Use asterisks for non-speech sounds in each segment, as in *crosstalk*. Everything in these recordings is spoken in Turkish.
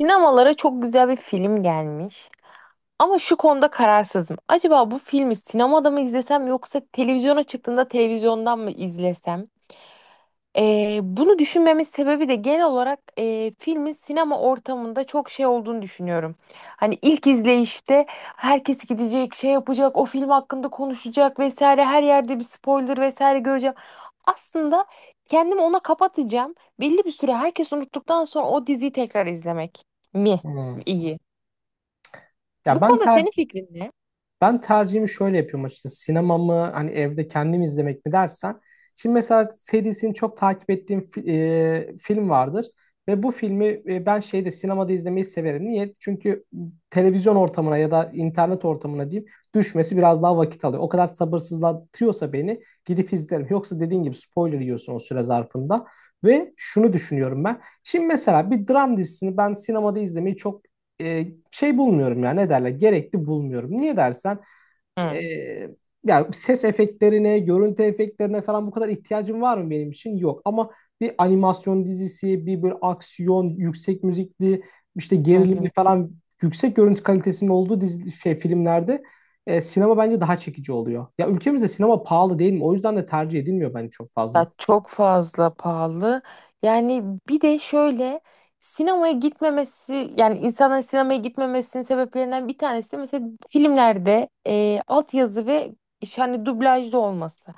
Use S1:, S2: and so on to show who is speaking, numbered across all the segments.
S1: Sinemalara çok güzel bir film gelmiş. Ama şu konuda kararsızım. Acaba bu filmi sinemada mı izlesem yoksa televizyona çıktığında televizyondan mı izlesem? Bunu düşünmemin sebebi de genel olarak filmin sinema ortamında çok şey olduğunu düşünüyorum. Hani ilk izleyişte herkes gidecek, şey yapacak, o film hakkında konuşacak vesaire, her yerde bir spoiler vesaire göreceğim. Aslında kendimi ona kapatacağım. Belli bir süre herkes unuttuktan sonra o diziyi tekrar izlemek mi
S2: Hmm.
S1: iyi?
S2: Ya
S1: Bu
S2: ben
S1: konuda
S2: ter
S1: senin fikrin ne?
S2: Ben tercihimi şöyle yapıyorum açıkçası. Sinema mı hani evde kendim izlemek mi dersen. Şimdi mesela serisini çok takip ettiğim film vardır. Ve bu filmi ben şeyde sinemada izlemeyi severim. Niye? Çünkü televizyon ortamına ya da internet ortamına diyeyim düşmesi biraz daha vakit alıyor. O kadar sabırsızlatıyorsa beni gidip izlerim. Yoksa dediğin gibi spoiler yiyorsun o süre zarfında. Ve şunu düşünüyorum ben. Şimdi mesela bir dram dizisini ben sinemada izlemeyi çok şey bulmuyorum yani ne derler gerekli bulmuyorum. Niye dersen
S1: Hı.
S2: e, yani ses efektlerine, görüntü efektlerine falan bu kadar ihtiyacım var mı benim için? Yok. Ama bir animasyon dizisi, bir böyle aksiyon, yüksek müzikli, işte
S1: Hı
S2: gerilimli
S1: hı.
S2: falan yüksek görüntü kalitesinin olduğu dizi, şey, filmlerde sinema bence daha çekici oluyor. Ya ülkemizde sinema pahalı değil mi? O yüzden de tercih edilmiyor bence çok fazla.
S1: Ya çok fazla pahalı. Yani bir de şöyle sinemaya gitmemesi yani insanların sinemaya gitmemesinin sebeplerinden bir tanesi de mesela filmlerde altyazı ve hani dublajlı olması.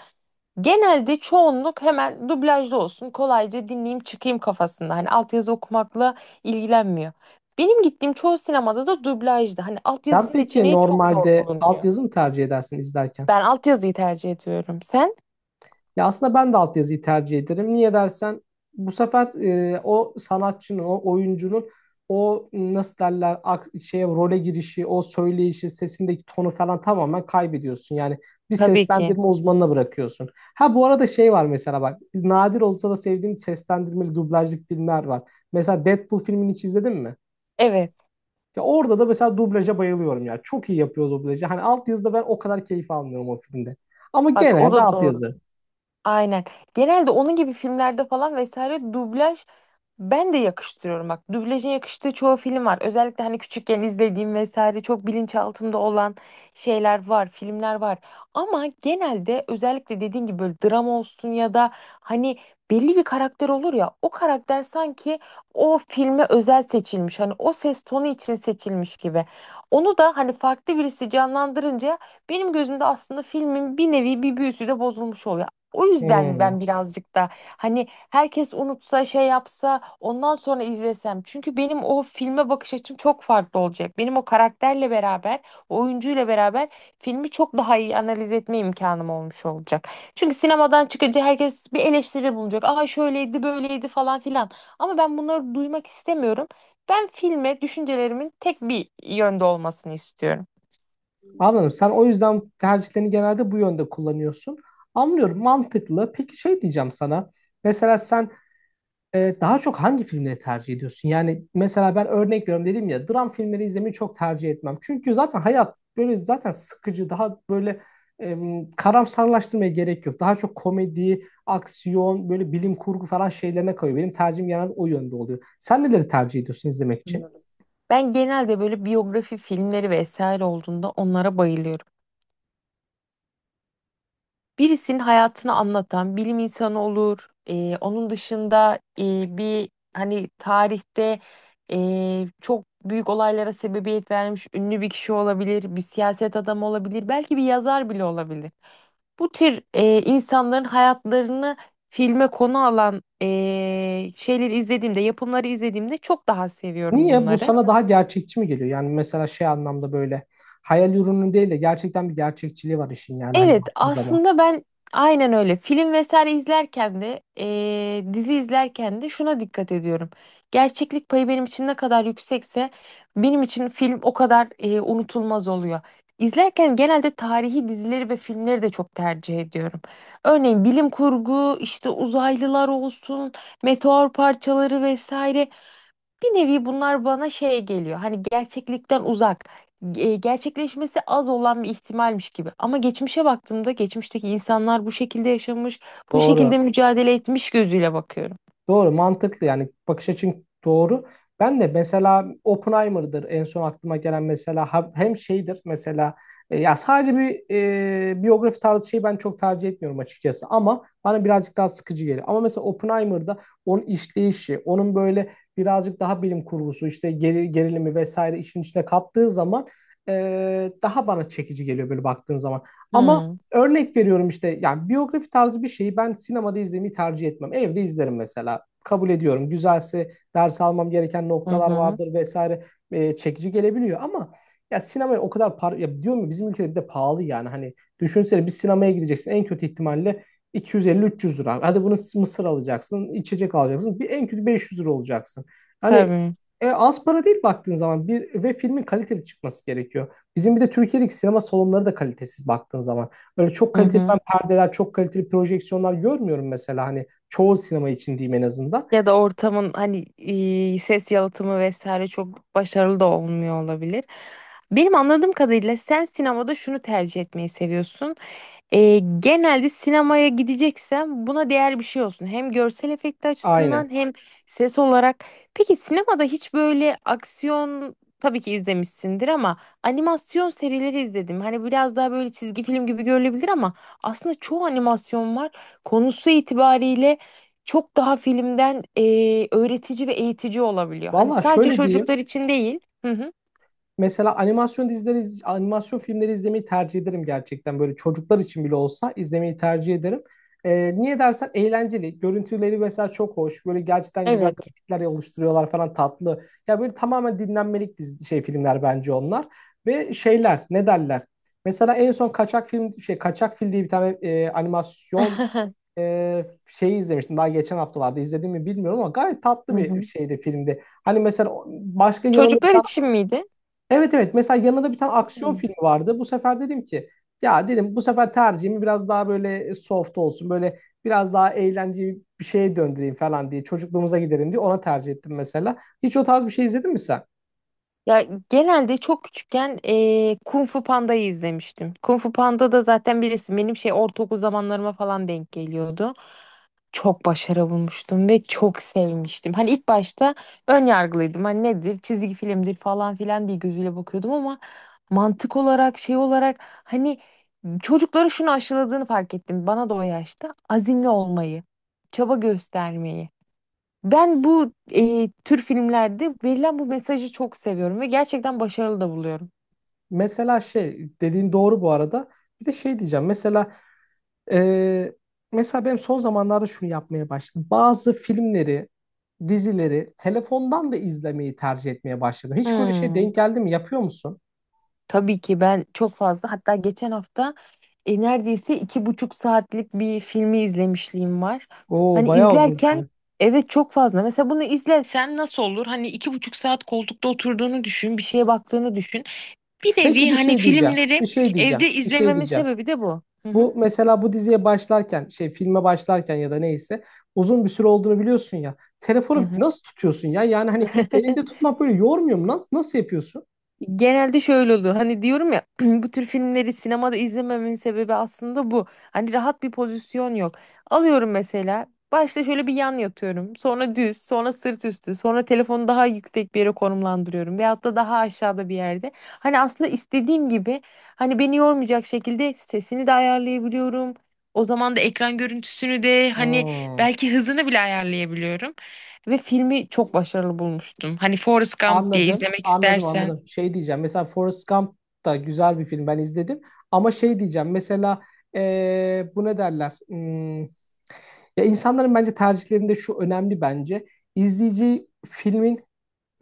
S1: Genelde çoğunluk hemen dublajlı olsun kolayca dinleyeyim çıkayım kafasında. Hani altyazı okumakla ilgilenmiyor. Benim gittiğim çoğu sinemada da dublajdı. Hani altyazı
S2: Sen peki
S1: seçeneği çok zor
S2: normalde
S1: bulunuyor.
S2: altyazı mı tercih edersin izlerken?
S1: Ben altyazıyı tercih ediyorum. Sen?
S2: Ya aslında ben de altyazıyı tercih ederim. Niye dersen bu sefer o sanatçının, o oyuncunun o nasıl derler şeye role girişi, o söyleyişi, sesindeki tonu falan tamamen kaybediyorsun. Yani bir
S1: Tabii ki.
S2: seslendirme uzmanına bırakıyorsun. Ha bu arada şey var mesela bak nadir olsa da sevdiğim seslendirmeli dublajlı filmler var. Mesela Deadpool filmini hiç izledin mi?
S1: Evet.
S2: Ya orada da mesela dublaja bayılıyorum ya. Çok iyi yapıyor dublajı. Hani altyazıda ben o kadar keyif almıyorum o filmde. Ama
S1: Bak o
S2: genelde
S1: da doğru.
S2: altyazı.
S1: Aynen. Genelde onun gibi filmlerde falan vesaire dublaj ben de yakıştırıyorum bak. Dublaja yakıştığı çoğu film var. Özellikle hani küçükken izlediğim vesaire çok bilinçaltımda olan şeyler var, filmler var. Ama genelde özellikle dediğin gibi böyle drama olsun ya da hani belli bir karakter olur ya o karakter sanki o filme özel seçilmiş. Hani o ses tonu için seçilmiş gibi. Onu da hani farklı birisi canlandırınca benim gözümde aslında filmin bir nevi bir büyüsü de bozulmuş oluyor. O yüzden
S2: Hmm.
S1: ben birazcık da hani herkes unutsa şey yapsa ondan sonra izlesem. Çünkü benim o filme bakış açım çok farklı olacak. Benim o karakterle beraber, o oyuncuyla beraber filmi çok daha iyi analiz etme imkanım olmuş olacak. Çünkü sinemadan çıkınca herkes bir eleştiri bulacak. Aa şöyleydi, böyleydi falan filan. Ama ben bunları duymak istemiyorum. Ben filme düşüncelerimin tek bir yönde olmasını istiyorum.
S2: Anladım. Sen o yüzden tercihlerini genelde bu yönde kullanıyorsun. Anlıyorum. Mantıklı. Peki şey diyeceğim sana. Mesela sen daha çok hangi filmleri tercih ediyorsun? Yani mesela ben örnek veriyorum dedim ya dram filmleri izlemeyi çok tercih etmem. Çünkü zaten hayat böyle zaten sıkıcı. Daha böyle e, karamsarlaştırmaya gerek yok. Daha çok komedi, aksiyon, böyle bilim kurgu falan şeylerine kayıyor. Benim tercihim genelde o yönde oluyor. Sen neleri tercih ediyorsun izlemek için?
S1: Anladım. Ben genelde böyle biyografi filmleri vesaire olduğunda onlara bayılıyorum. Birisinin hayatını anlatan bilim insanı olur. Onun dışında bir hani tarihte çok büyük olaylara sebebiyet vermiş ünlü bir kişi olabilir, bir siyaset adamı olabilir, belki bir yazar bile olabilir. Bu tür insanların hayatlarını filme konu alan şeyleri izlediğimde, yapımları izlediğimde çok daha seviyorum
S2: Niye? Bu
S1: bunları.
S2: sana daha gerçekçi mi geliyor? Yani mesela şey anlamda böyle hayal ürünü değil de gerçekten bir gerçekçiliği var işin yani hani
S1: Evet,
S2: baktığın zaman.
S1: aslında ben aynen öyle. Film vesaire izlerken de, dizi izlerken de şuna dikkat ediyorum. Gerçeklik payı benim için ne kadar yüksekse benim için film o kadar unutulmaz oluyor. İzlerken genelde tarihi dizileri ve filmleri de çok tercih ediyorum. Örneğin bilim kurgu, işte uzaylılar olsun, meteor parçaları vesaire. Bir nevi bunlar bana şey geliyor. Hani gerçeklikten uzak, gerçekleşmesi az olan bir ihtimalmiş gibi. Ama geçmişe baktığımda geçmişteki insanlar bu şekilde yaşamış, bu
S2: Doğru.
S1: şekilde mücadele etmiş gözüyle bakıyorum.
S2: Doğru, mantıklı yani bakış açın doğru. Ben de mesela Oppenheimer'dır en son aklıma gelen mesela hem şeydir mesela ya sadece bir biyografi tarzı şeyi ben çok tercih etmiyorum açıkçası ama bana birazcık daha sıkıcı geliyor. Ama mesela Oppenheimer'da onun işleyişi, onun böyle birazcık daha bilim kurgusu işte gerilimi vesaire işin içine kattığı zaman e, daha bana çekici geliyor böyle baktığın zaman. Ama
S1: Hmm.
S2: örnek veriyorum işte yani biyografi tarzı bir şeyi ben sinemada izlemeyi tercih etmem. Evde izlerim mesela. Kabul ediyorum. Güzelse ders almam gereken
S1: Hı
S2: noktalar
S1: hı.
S2: vardır vesaire. Çekici gelebiliyor ama ya sinemaya o kadar par ya diyorum ya bizim ülkede bir de pahalı yani. Hani düşünsene bir sinemaya gideceksin en kötü ihtimalle 250-300 lira. Hadi bunu mısır alacaksın, içecek alacaksın. Bir en kötü 500 lira olacaksın. Hani
S1: Tabii.
S2: az para değil baktığın zaman bir ve filmin kaliteli çıkması gerekiyor. Bizim bir de Türkiye'deki sinema salonları da kalitesiz baktığın zaman. Böyle çok
S1: Hı
S2: kaliteli ben
S1: hı.
S2: perdeler, çok kaliteli projeksiyonlar görmüyorum mesela hani çoğu sinema için diyeyim en azından.
S1: Ya da ortamın hani ses yalıtımı vesaire çok başarılı da olmuyor olabilir. Benim anladığım kadarıyla sen sinemada şunu tercih etmeyi seviyorsun. E, genelde sinemaya gideceksem buna değer bir şey olsun. Hem görsel efekti açısından
S2: Aynen.
S1: hem ses olarak. Peki sinemada hiç böyle aksiyon tabii ki izlemişsindir ama animasyon serileri izledim. Hani biraz daha böyle çizgi film gibi görülebilir ama aslında çoğu animasyon var. Konusu itibariyle çok daha filmden öğretici ve eğitici olabiliyor. Hani
S2: Valla
S1: sadece
S2: şöyle diyeyim.
S1: çocuklar için değil. Hı hı.
S2: Mesela animasyon dizileri, animasyon filmleri izlemeyi tercih ederim gerçekten. Böyle çocuklar için bile olsa izlemeyi tercih ederim. Niye dersen eğlenceli. Görüntüleri mesela çok hoş. Böyle gerçekten güzel
S1: Evet.
S2: grafikler oluşturuyorlar falan tatlı. Ya böyle tamamen dinlenmelik dizi, şey filmler bence onlar. Ve şeyler ne derler? Mesela en son Kaçak Fil diye bir tane animasyon
S1: *laughs* Hı
S2: şeyi izlemiştim. Daha geçen haftalarda izledim mi bilmiyorum ama gayet tatlı bir
S1: hı.
S2: şeydi filmde. Hani mesela başka yanında bir
S1: Çocuklar
S2: tane
S1: için miydi?
S2: evet evet mesela yanında bir tane aksiyon filmi vardı. Bu sefer dedim ki ya dedim bu sefer tercihimi biraz daha böyle soft olsun. Böyle biraz daha eğlenceli bir şeye döndüreyim falan diye çocukluğumuza giderim diye ona tercih ettim mesela. Hiç o tarz bir şey izledin mi sen?
S1: Ya genelde çok küçükken Kung Fu Panda'yı izlemiştim. Kung Fu Panda da zaten birisi benim şey ortaokul zamanlarıma falan denk geliyordu. Çok başarı bulmuştum ve çok sevmiştim. Hani ilk başta ön yargılıydım. Hani nedir çizgi filmdir falan filan diye gözüyle bakıyordum ama mantık olarak şey olarak hani çocukları şunu aşıladığını fark ettim. Bana da o yaşta azimli olmayı, çaba göstermeyi. Ben bu tür filmlerde verilen bu mesajı çok seviyorum ve gerçekten başarılı da buluyorum.
S2: Mesela şey dediğin doğru bu arada. Bir de şey diyeceğim. Mesela e, benim son zamanlarda şunu yapmaya başladım. Bazı filmleri, dizileri telefondan da izlemeyi tercih etmeye başladım. Hiç böyle şey
S1: Hmm.
S2: denk geldi mi? Yapıyor musun?
S1: Tabii ki ben çok fazla hatta geçen hafta neredeyse iki buçuk saatlik bir filmi izlemişliğim var.
S2: Oo
S1: Hani
S2: bayağı uzun
S1: izlerken
S2: süre.
S1: evet çok fazla. Mesela bunu izlesen nasıl olur? Hani iki buçuk saat koltukta oturduğunu düşün, bir şeye baktığını düşün. Bir
S2: Peki
S1: nevi
S2: bir
S1: hani
S2: şey diyeceğim.
S1: filmleri
S2: Bir şey diyeceğim.
S1: evde
S2: Bir şey
S1: izlememin
S2: diyeceğim.
S1: sebebi de bu. Hı hı.
S2: Bu mesela bu diziye başlarken, şey filme başlarken ya da neyse uzun bir süre olduğunu biliyorsun ya.
S1: Hı
S2: Telefonu
S1: hı.
S2: nasıl tutuyorsun ya? Yani hani elinde
S1: *laughs*
S2: tutmak böyle yormuyor mu? Nasıl yapıyorsun?
S1: Genelde şöyle oluyor. Hani diyorum ya *clears throat* bu tür filmleri sinemada izlememin sebebi aslında bu. Hani rahat bir pozisyon yok. Alıyorum mesela. Başta şöyle bir yan yatıyorum. Sonra düz, sonra sırt üstü, sonra telefonu daha yüksek bir yere konumlandırıyorum veyahut da daha aşağıda bir yerde. Hani aslında istediğim gibi hani beni yormayacak şekilde sesini de ayarlayabiliyorum. O zaman da ekran görüntüsünü de hani
S2: Hmm.
S1: belki hızını bile ayarlayabiliyorum. Ve filmi çok başarılı bulmuştum. Hani Forrest Gump diye
S2: Anladım,
S1: izlemek
S2: anladım,
S1: istersen.
S2: anladım. Şey diyeceğim, mesela Forrest Gump da güzel bir film, ben izledim. Ama şey diyeceğim, mesela bu ne derler? Hmm, ya insanların bence tercihlerinde şu önemli bence. İzleyici filmin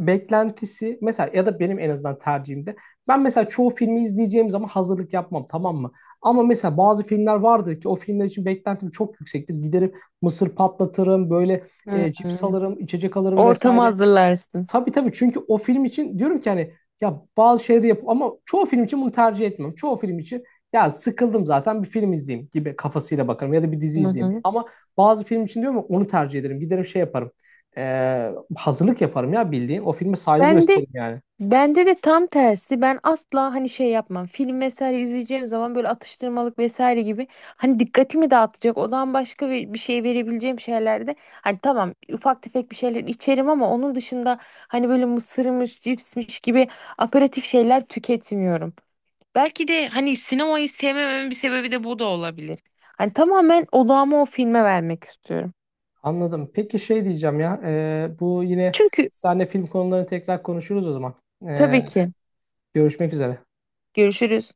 S2: beklentisi, mesela ya da benim en azından tercihimde. Ben mesela çoğu filmi izleyeceğim zaman hazırlık yapmam, tamam mı? Ama mesela bazı filmler vardı ki o filmler için beklentim çok yüksektir. Giderim mısır patlatırım, böyle
S1: Hı hı.
S2: cips alırım, içecek alırım
S1: Ortamı
S2: vesaire.
S1: hazırlarsın.
S2: Tabii tabii çünkü o film için diyorum ki hani ya bazı şeyleri yap ama çoğu film için bunu tercih etmem. Çoğu film için ya sıkıldım zaten bir film izleyeyim gibi kafasıyla bakarım ya da bir dizi
S1: Hı
S2: izleyeyim.
S1: hı.
S2: Ama bazı film için diyorum ya onu tercih ederim. Giderim şey yaparım. Hazırlık yaparım ya bildiğin. O filme saygı
S1: Ben de
S2: gösteririm yani.
S1: bende de tam tersi. Ben asla hani şey yapmam. Film vesaire izleyeceğim zaman böyle atıştırmalık vesaire gibi hani dikkatimi dağıtacak. Odan başka bir şey verebileceğim şeylerde hani tamam ufak tefek bir şeyler içerim ama onun dışında hani böyle mısırmış, cipsmiş gibi aperatif şeyler tüketmiyorum. Belki de hani sinemayı sevmememin bir sebebi de bu da olabilir. Hani tamamen odağımı o filme vermek istiyorum.
S2: Anladım. Peki şey diyeceğim ya. Bu yine
S1: Çünkü
S2: seninle film konularını tekrar konuşuruz o zaman. Ee,
S1: tabii ki.
S2: Görüşmek üzere.
S1: Görüşürüz.